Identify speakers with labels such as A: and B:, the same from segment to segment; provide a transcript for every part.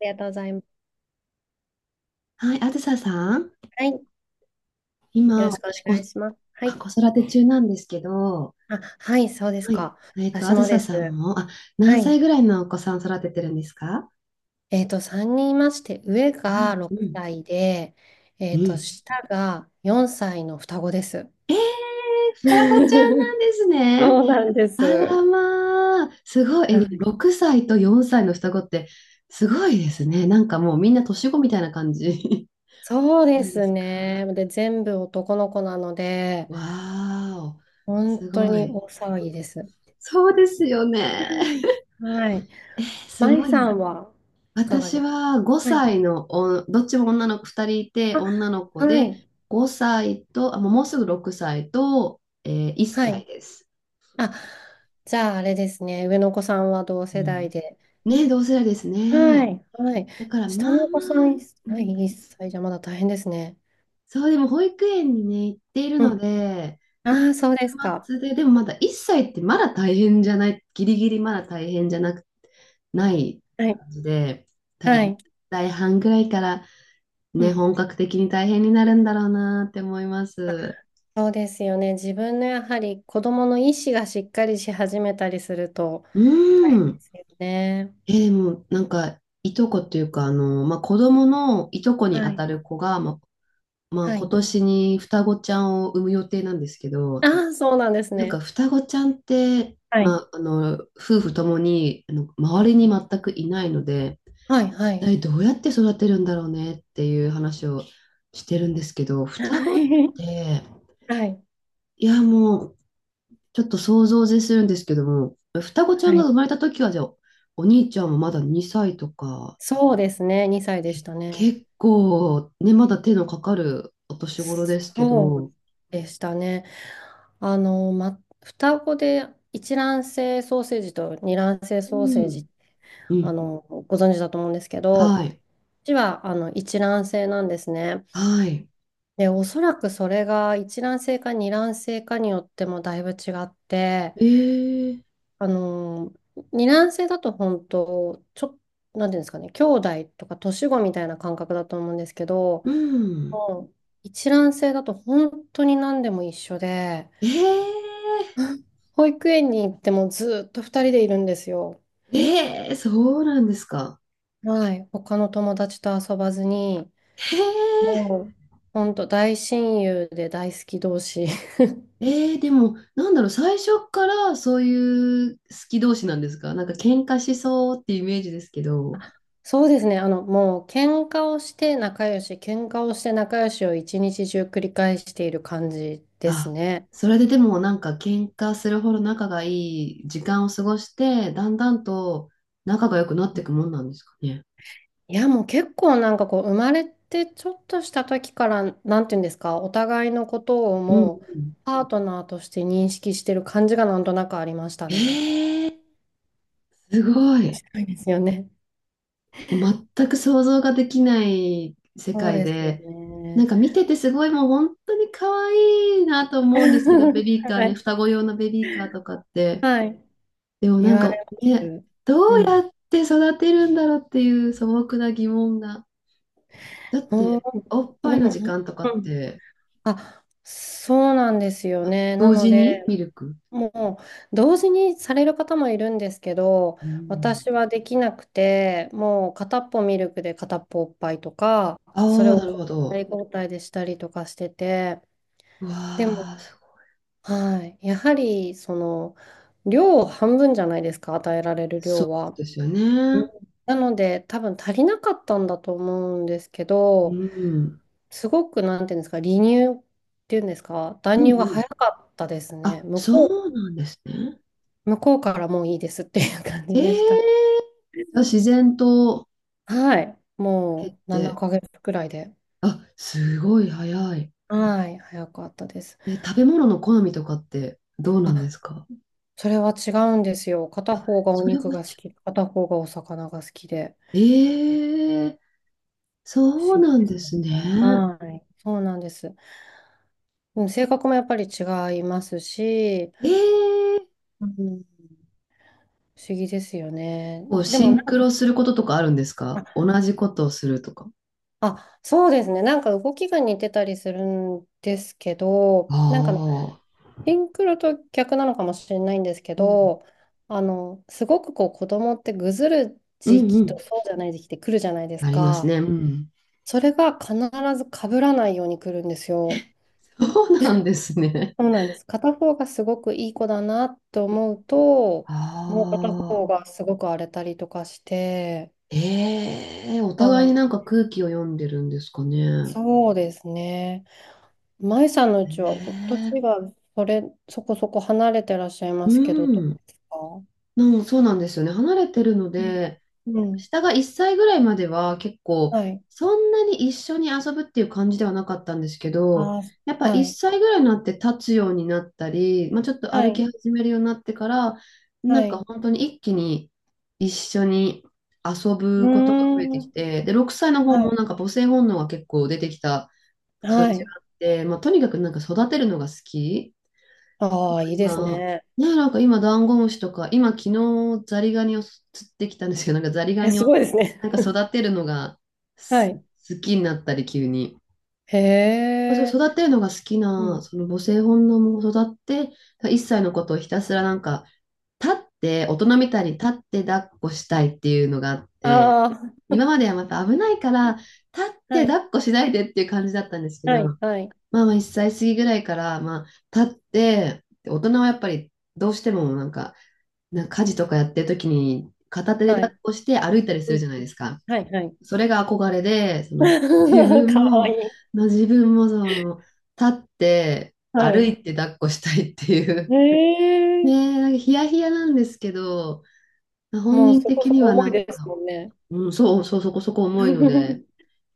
A: りがとうございます。
B: はい、あずささん、
A: はい。よろ
B: 今、
A: しくお願いします。はい。
B: 子育て中なんですけど、
A: あ、はい、そうです
B: はい、
A: か。私
B: あず
A: も
B: さ
A: で
B: さん
A: す。
B: も、
A: は
B: 何
A: い。
B: 歳ぐらいのお子さん育ててるんですか？
A: 3人いまして、上
B: あ、
A: が
B: う
A: 6
B: ん、
A: 歳で、
B: うん。
A: 下が4歳の双子です。
B: えー、双子ちゃんな んですね。
A: そうなんで
B: あ
A: す。は
B: らまあ、すごい、え、
A: い
B: でも6歳と4歳の双子って、すごいですね。なんかもうみんな年子みたいな感じ
A: そう で
B: なんで
A: す
B: すか？
A: ね。で、全部男の子なので、
B: わーお、
A: 本
B: す
A: 当
B: ご
A: に
B: い。
A: 大騒ぎです。
B: そうですよ
A: は
B: ね。
A: い。はい。
B: すご
A: 舞
B: い
A: さ
B: な。
A: んはいかが
B: 私
A: ですか？
B: は
A: はい。
B: 5歳のどっちも女の子2人いて、
A: あ、
B: 女の子
A: は
B: で
A: い。
B: 5歳と、もうすぐ6歳と、1
A: は
B: 歳
A: い。
B: です。
A: あ、じゃああれですね。上のお子さんは同
B: う
A: 世代
B: ん。
A: で。
B: ね、同世代です
A: は
B: ね。
A: い。はい。
B: だから
A: 下
B: ま
A: の
B: あ
A: お
B: ま
A: 子さ
B: あ、
A: ん、
B: う
A: はい、
B: ん、
A: 1歳じゃまだ大変ですね。
B: そう。でも、保育園にね、行っている
A: う
B: の
A: ん。
B: で、まあ、
A: ああ、そ
B: 週
A: うですか。
B: 末で、でもまだ1歳ってまだ大変じゃない、ギリギリまだ大変じゃなく、ない
A: はい。
B: 感じで、多
A: は
B: 分、
A: い。
B: 大半ぐらいから
A: う
B: ね、
A: ん。
B: 本格的に大変になるんだろうなって思います。
A: そうですよね。自分のやはり子供の意思がしっかりし始めたりすると
B: う
A: 大変で
B: ん。
A: すよね。
B: え、でも、なんか、いとこっていうか、あの、まあ、子供のいとこに
A: は
B: あた
A: い。
B: る子が、まあ、
A: は
B: 今
A: い。
B: 年に双子ちゃんを産む予定なんですけど、
A: ああ、そうなんです
B: なんか
A: ね。
B: 双子ちゃんって、
A: は
B: ま
A: い。
B: あ、あの、夫婦ともに、あの、周りに全くいないので、
A: はい。
B: 一
A: はい。
B: 体どうやって育てるんだろうねっていう話をしてるんですけど、双子っ て、
A: はい。
B: いや、もう、ちょっと想像を絶するんですけども、双子ちゃ
A: は
B: んが
A: い。
B: 生まれた時は、じゃあ、お兄ちゃんもまだ2歳とか、
A: そうですね。2歳でし
B: ね、
A: たね。
B: 結構、ね、まだ手のかかるお年頃ですけ
A: そ
B: ど、
A: うでしたね。あの、ま、双子で一卵性ソーセージと二卵性
B: う
A: ソーセー
B: ん、
A: ジ、
B: う
A: あ
B: ん、
A: の、ご存知だと思うんですけど、
B: はい、
A: うちはあの一卵性なんですね。
B: はい。
A: で、おそらくそれが一卵性か二卵性かによってもだいぶ違って、
B: えー、
A: あの、二卵性だと本当、なんていうんですかね、兄弟とか年子みたいな感覚だと思うんですけど、
B: うん。
A: もう一卵性だと本当に何でも一緒で、
B: えー、
A: 保育園に行ってもずっと二人でいるんですよ。
B: えー、そうなんですか。
A: はい、他の友達と遊ばずに、
B: へえ
A: もう、ほんと大親友で大好き同士。
B: えー、でも、なんだろう、最初からそういう好き同士なんですか？なんか喧嘩しそうっていうイメージですけど。
A: そうですね、あの、もう、喧嘩をして仲良し、喧嘩をして仲良しを一日中繰り返している感じです
B: あ、
A: ね。
B: それででもなんか喧嘩するほど仲がいい時間を過ごして、だんだんと仲が良くなっていくもんなんですかね。
A: いや、もう結構なんかこう、生まれてちょっとした時から、なんていうんですか、お互いのことを
B: うん
A: もう、
B: うん。
A: パートナーとして認識してる感じがなんとなくありました
B: え
A: ね。
B: ー、すごい。
A: そうですよね。
B: もう全く想像ができない世
A: そう
B: 界
A: ですよ
B: で、なん
A: ね。
B: か見ててすごいもう本当に可愛いなと思うん ですけど、ベビー
A: は
B: カーね、
A: い。
B: 双子用のベビーカーとかって。
A: はい。
B: でも
A: 言
B: なん
A: わ
B: か、
A: れま
B: ね、
A: す。
B: ど
A: う
B: う
A: ん。
B: やって育てるんだろうっていう素朴な疑問が。だっ
A: も
B: て、おっ
A: う、
B: ぱ
A: で
B: いの
A: も、
B: 時間とかっ
A: うん。
B: て、
A: あ、そうなんですよね。な
B: 同
A: の
B: 時に
A: で、
B: ミルク。
A: もう、同時にされる方もいるんですけど、
B: うん。
A: 私はできなくて、もう片っぽミルクで片っぽおっぱいとか、
B: あ
A: それ
B: あ、
A: を
B: なる
A: 交
B: ほ
A: 代
B: ど。
A: 交代でしたりとかしてて、
B: うわ
A: でも、
B: あ、すごい。
A: はい。やはり、その、量半分じゃないですか、与えられる
B: そう
A: 量は。
B: ですよ
A: うん
B: ね。
A: なので、多分足りなかったんだと思うんですけ
B: う
A: ど、
B: ん。
A: すごく、なんていうんですか、離乳っていうんですか、
B: う
A: 断
B: ん
A: 乳
B: う
A: が
B: ん。
A: 早かったですね。
B: あ、そうなんですね。
A: 向こうからもういいですっていう感じでした。
B: ええー、あ、自然と
A: はい。
B: 減っ
A: もう7
B: て。
A: ヶ月くらいで。
B: あ、すごい早い。
A: はい。早かったです。
B: え、食べ物の好みとかってどうなんですか？
A: それは違うんですよ。片
B: あ、
A: 方がお
B: それ
A: 肉
B: は
A: が好
B: ち
A: き、
B: ょ、
A: 片方がお魚が好きで。
B: ええー、
A: 不
B: そ
A: 思
B: う
A: 議
B: なん
A: です
B: で
A: ね。
B: すね。
A: はい。そうなんです。うん性格もやっぱり違いますし、
B: ええー、
A: うん、不思議ですよね。
B: こう、
A: で
B: シ
A: も
B: ン
A: なん
B: ク
A: か
B: ロすることとかあるんですか？同じことをするとか。
A: あ、そうですね。なんか動きが似てたりするんですけ
B: あ
A: ど、なんか
B: あ、
A: シンクロと逆なのかもしれないんですけ
B: うん。
A: ど、あの、すごくこう子供ってぐずる
B: う
A: 時
B: んう
A: 期
B: ん。
A: とそうじゃない時期って来るじゃないです
B: なります
A: か。
B: ね。うん。
A: それが必ず被らないように来るんですよ。
B: そうなんですね。
A: そうなんです。片方がすごくいい子だなと思うと、もう片
B: あ
A: 方
B: あ、
A: がすごく荒れたりとかして、
B: ええ、お互
A: は
B: いに
A: い。
B: なんか空気を読んでるんですかね。
A: そうですね。舞さんのうちは、お年
B: ええ、
A: がそれ、そこそこ離れてらっしゃいま
B: う
A: すけど、どう
B: ん。
A: ですか？
B: うん、そうなんですよね。離れてるの
A: うん
B: で、
A: うん。
B: 下が1歳ぐらいまでは結構、
A: はい。
B: そんなに一緒に遊ぶっていう感じではなかったんですけど、
A: あ
B: やっ
A: あ、
B: ぱ
A: は
B: 1
A: い。
B: 歳ぐらいになって立つようになったり、まあ、ちょっと
A: は
B: 歩き
A: い。
B: 始めるようになってから、
A: は
B: なんか
A: い。
B: 本当に一気に一緒に遊
A: う
B: ぶことが増え
A: ー
B: てき
A: ん。
B: て、で、6歳の方
A: は
B: も
A: い。
B: なんか母性本能が結構出てきた感
A: は
B: じ
A: い。
B: があって、まあ、とにかくなんか育てるのが好き。
A: ああ、いいです
B: 今、
A: ね。
B: ね、なんか今、ダンゴムシとか、今、昨日、ザリガニを釣ってきたんですけど、なんかザリガ
A: え、
B: ニ
A: す
B: を
A: ごいですね。
B: なんか育てるのが
A: は
B: す
A: い。
B: 好きになったり、急に。
A: へ
B: まあ、
A: え。
B: それ育てるのが好き
A: う
B: な、
A: ん。
B: その母性本能も育って、一歳のことをひたすらなんか、立って、大人みたいに立って抱っこしたいっていうのがあって、
A: あ
B: 今まではまた危ないから、立っ
A: あ、は
B: て
A: い。
B: 抱っこしないでっていう感じだったんですけ
A: は
B: ど、
A: い。はい。
B: まあまあ1歳過ぎぐらいから、まあ、立って、大人はやっぱりどうしてもなんか、家事とかやってる時に片手で
A: は
B: 抱
A: い。
B: っこして歩いたりす
A: う
B: る
A: ん。
B: じゃない
A: う
B: で
A: ん
B: すか。
A: はい。はい。
B: それが憧れで、その自 分
A: かわ
B: も、
A: いい。
B: の自分もその立って
A: は
B: 歩
A: い。
B: いて抱っこしたいってい
A: へ
B: う。ね
A: え。
B: え、なんかヒヤヒヤなんですけど、本
A: もう
B: 人
A: そこ
B: 的
A: そ
B: に
A: こ
B: は
A: 重
B: な
A: い
B: ん
A: です
B: か、
A: もんね。
B: うん、そうそう、そこそこ重いので、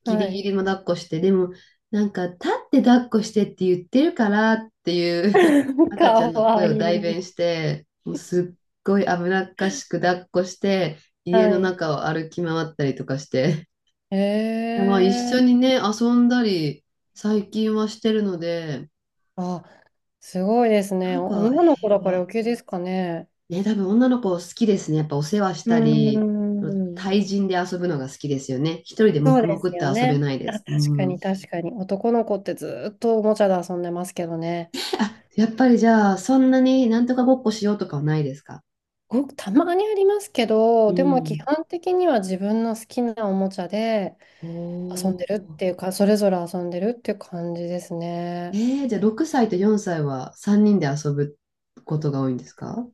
B: ギ
A: は
B: リギ
A: い。
B: リも抱っこして、でも、なんか、立って抱っこしてって言ってるからっていう 赤ちゃ
A: か
B: んの
A: わ
B: 声
A: い
B: を代弁
A: い。
B: して、もうすっごい危なっかしく抱っこして、家
A: は
B: の
A: い。
B: 中を歩き回ったりとかして、
A: へ
B: まあ一緒
A: え
B: にね、遊んだり、最近はしてるので、
A: あ、すごいです
B: な
A: ね。
B: んか
A: 女の子
B: 平
A: だから
B: 和。
A: 余計ですかね。
B: ね、多分女の子好きですね。やっぱお世話し
A: う
B: たり、
A: ーん。
B: 対人で遊ぶのが好きですよね。一人で
A: そう
B: 黙
A: で
B: 々
A: す
B: って
A: よ
B: 遊べ
A: ね。
B: ないで
A: あ、
B: す。う
A: 確か
B: ん。
A: に確かに。男の子ってずっとおもちゃで遊んでますけどね。
B: あ、やっぱりじゃあ、そんなになんとかごっこしようとかはないですか？
A: ごくたまにありますけど、
B: う
A: でも基
B: ん。
A: 本的には自分の好きなおもちゃで遊ん
B: お
A: でるってい
B: ー。
A: うか、それぞれ遊んでるっていう感じですね。
B: えー、じゃあ6歳と4歳は3人で遊ぶことが多いんですか？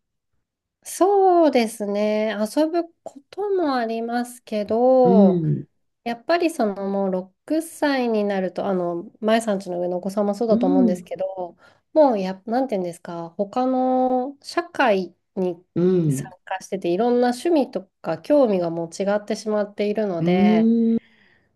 A: そうですね。遊ぶこともありますけ
B: う
A: ど、
B: ん。
A: やっぱりそのもう6歳になると、あの、まえさんちの上のお子さんもそう
B: う
A: だと思うんです
B: ん。
A: けど、もうや、なんていうんですか、他の社会に
B: う
A: 参
B: ん。
A: 加してて、いろんな趣味とか興味がもう違ってしまっているの
B: う
A: で、
B: ん。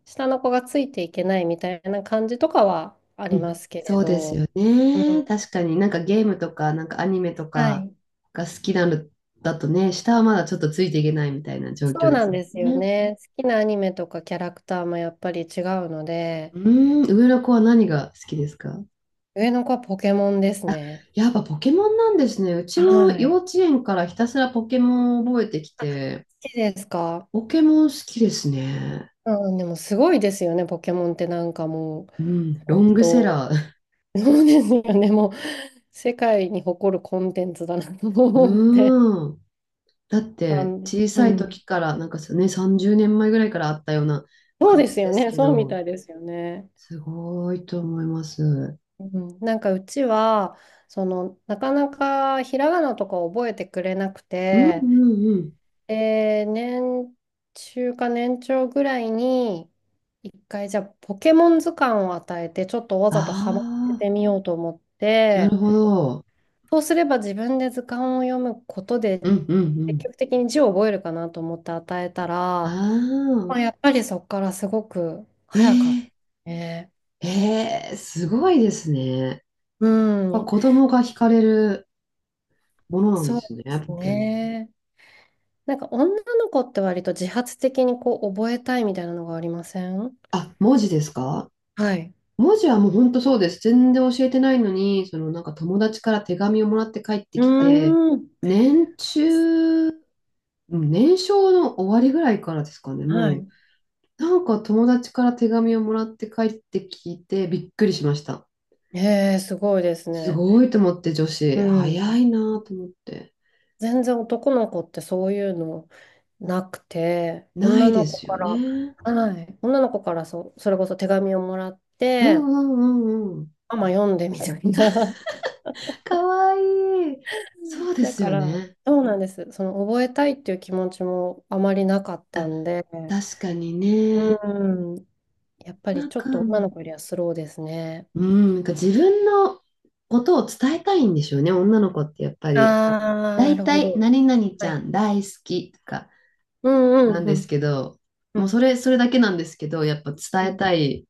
A: 下の子がついていけないみたいな感じとかはあ
B: う
A: りま
B: ん
A: すけれ
B: そうです
A: ど、
B: よ
A: うん、
B: ね。確かになんかゲームとか、なんかアニメと
A: は
B: か
A: い。
B: が好きなのだとね、下はまだちょっとついていけないみたいな状
A: そ
B: 況
A: う
B: で
A: なん
B: すよ
A: ですよ
B: ね。
A: ね。好きなアニメとかキャラクターもやっぱり違うので、
B: うん。上の子は何が好きですか？
A: 上の子はポケモンです
B: あ、
A: ね。
B: やっぱポケモンなんですね。うちも
A: は
B: 幼
A: い。
B: 稚園からひたすらポケモンを覚えてきて、
A: 好きですか？
B: ポケモン好きですね。
A: うん、でもすごいですよね、ポケモンってなんかもう、
B: うん、ロ
A: 本
B: ングセラ
A: 当、
B: ー。
A: そうですよね、もう、世界に誇るコンテンツだなと 思って。
B: うーん。だっ
A: あ
B: て
A: の、
B: 小
A: う
B: さい
A: ん。
B: 時から、なんかね、30年前ぐらいからあったような
A: そう
B: 感
A: です
B: じ
A: よ
B: です
A: ね、
B: け
A: そうみ
B: ど、
A: たいですよね。
B: すごいと思います。うん
A: うん、なんかうちは、その、なかなかひらがなとか覚えてくれなく
B: う
A: て、
B: んうん。
A: 年中か年長ぐらいに、一回じゃあポケモン図鑑を与えて、ちょっとわざとハマって
B: あ
A: てみようと思っ
B: あ、なる
A: て、
B: ほど。
A: そうすれば自分で図鑑を読むこと
B: う
A: で、
B: んうんう
A: 積
B: ん。
A: 極的に字を覚えるかなと思って与えたら、
B: あ
A: まあ、や
B: あ、
A: っぱりそこからすごく
B: え
A: 早かった
B: ー、
A: ね。
B: えー、すごいですね。
A: う
B: やっぱ
A: ん、
B: 子供が惹かれるものなんで
A: そう
B: すね、
A: です
B: ポケモン。
A: ね。なんか女の子って割と自発的にこう覚えたいみたいなのがありません？
B: あ、文字ですか？
A: はい。
B: 文字はもう本当そうです。全然教えてないのに、そのなんか友達から手紙をもらって帰って
A: う
B: きて、
A: ーん。
B: 年中、うん、年少の終わりぐらいからですかね、
A: は
B: もう。
A: い。
B: なんか友達から手紙をもらって帰ってきてびっくりしました。
A: へえ、すごいです
B: す
A: ね。
B: ごいと思って、女
A: う
B: 子。
A: ん。
B: 早いなと思って。
A: 全然男の子ってそういうのなくて、
B: な
A: 女
B: い
A: の
B: で
A: 子
B: すよ
A: から、
B: ね。
A: はい、女の子からそれこそ手紙をもらっ
B: うん
A: て、
B: うんうんうん。
A: ママ読んでみたいな。
B: かわいい。そう で
A: だ
B: す
A: か
B: よ
A: ら、
B: ね。
A: そうなんです。その覚えたいっていう気持ちもあまりなかったんで、
B: 確かにね。
A: うん、やっぱ
B: な
A: り
B: ん
A: ちょ
B: か、
A: っと女の子よりはスローですね。
B: うん、なんか自分のことを伝えたいんでしょうね、女の子ってやっぱり。
A: ああ、
B: だ
A: な
B: い
A: る
B: た
A: ほ
B: い
A: ど。
B: 何々ち
A: は
B: ゃ
A: い。
B: ん大好きとか
A: うん
B: な
A: うん
B: ん
A: う
B: です
A: ん
B: けど、
A: う
B: もうそ
A: ん
B: れ、それだけなんですけど、やっぱ伝
A: う
B: え
A: ん。
B: たい、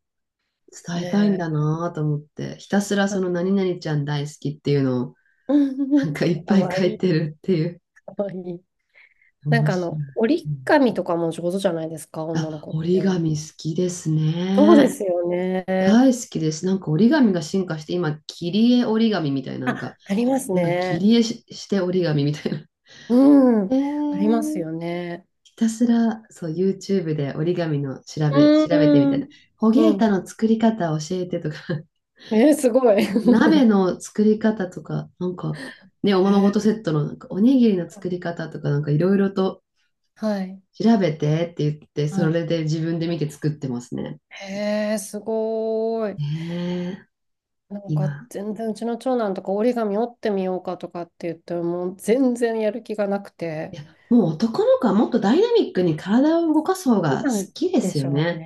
B: 伝えたいん
A: え
B: だ
A: え
B: なぁと思って、ひたすらその何々ちゃん大好きっていうのを、なんかい っ
A: か
B: ぱい
A: わ
B: 書
A: い
B: いて
A: い、
B: るっていう。
A: かわいい。なん
B: 面
A: かあ
B: 白い。
A: の、折
B: う
A: り
B: ん、
A: 紙とかも上手じゃないですか、女の
B: あ、
A: 子っ
B: 折り
A: て。
B: 紙好きです
A: そうで
B: ね。
A: すよね。
B: 大好きです。なんか折り紙が進化して、今、切り絵折り紙みたいな、なんか、
A: あ、あります
B: なんか切
A: ね。
B: り絵し、して折り紙みたいな。
A: う
B: え
A: ん、あります
B: ー、
A: よね。
B: ひたすら、そう、YouTube で折り紙の
A: う
B: 調べてみた
A: ー
B: い
A: ん、
B: な。ホ
A: う
B: ゲータ
A: ん。
B: の作り方教えてとか、
A: えー、すごい。
B: 鍋 の作り方とか、なんか、ね、おままご
A: え
B: とセットのなんかおにぎりの
A: ー、
B: 作り方とか、なんかいろいろと
A: はい、
B: 調べてって言って、
A: は
B: そ
A: い。
B: れで自分で見て作ってますね。
A: へえ、すごーい。
B: ねえー、
A: なんか
B: 今。
A: 全然うちの長男とか折り紙折ってみようかとかって言ってもう全然やる気がなくて。
B: いや、もう男の子はもっとダイナミックに体を動かす方が好
A: なん
B: きで
A: で
B: す
A: し
B: よ
A: ょう
B: ね。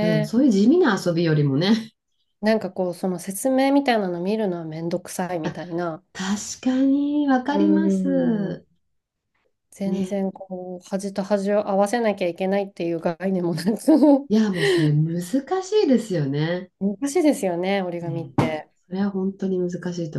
B: うん、そういう地味な遊びよりもね。
A: なんかこう、その説明みたいなの見るのはめんどくさいみたいな。
B: 確かに、わ
A: う
B: か
A: ー
B: ります。
A: ん。全
B: ね。
A: 然こう、端と
B: いや、もうそれ難しいですよね。うん。それは本当に難しいと思います。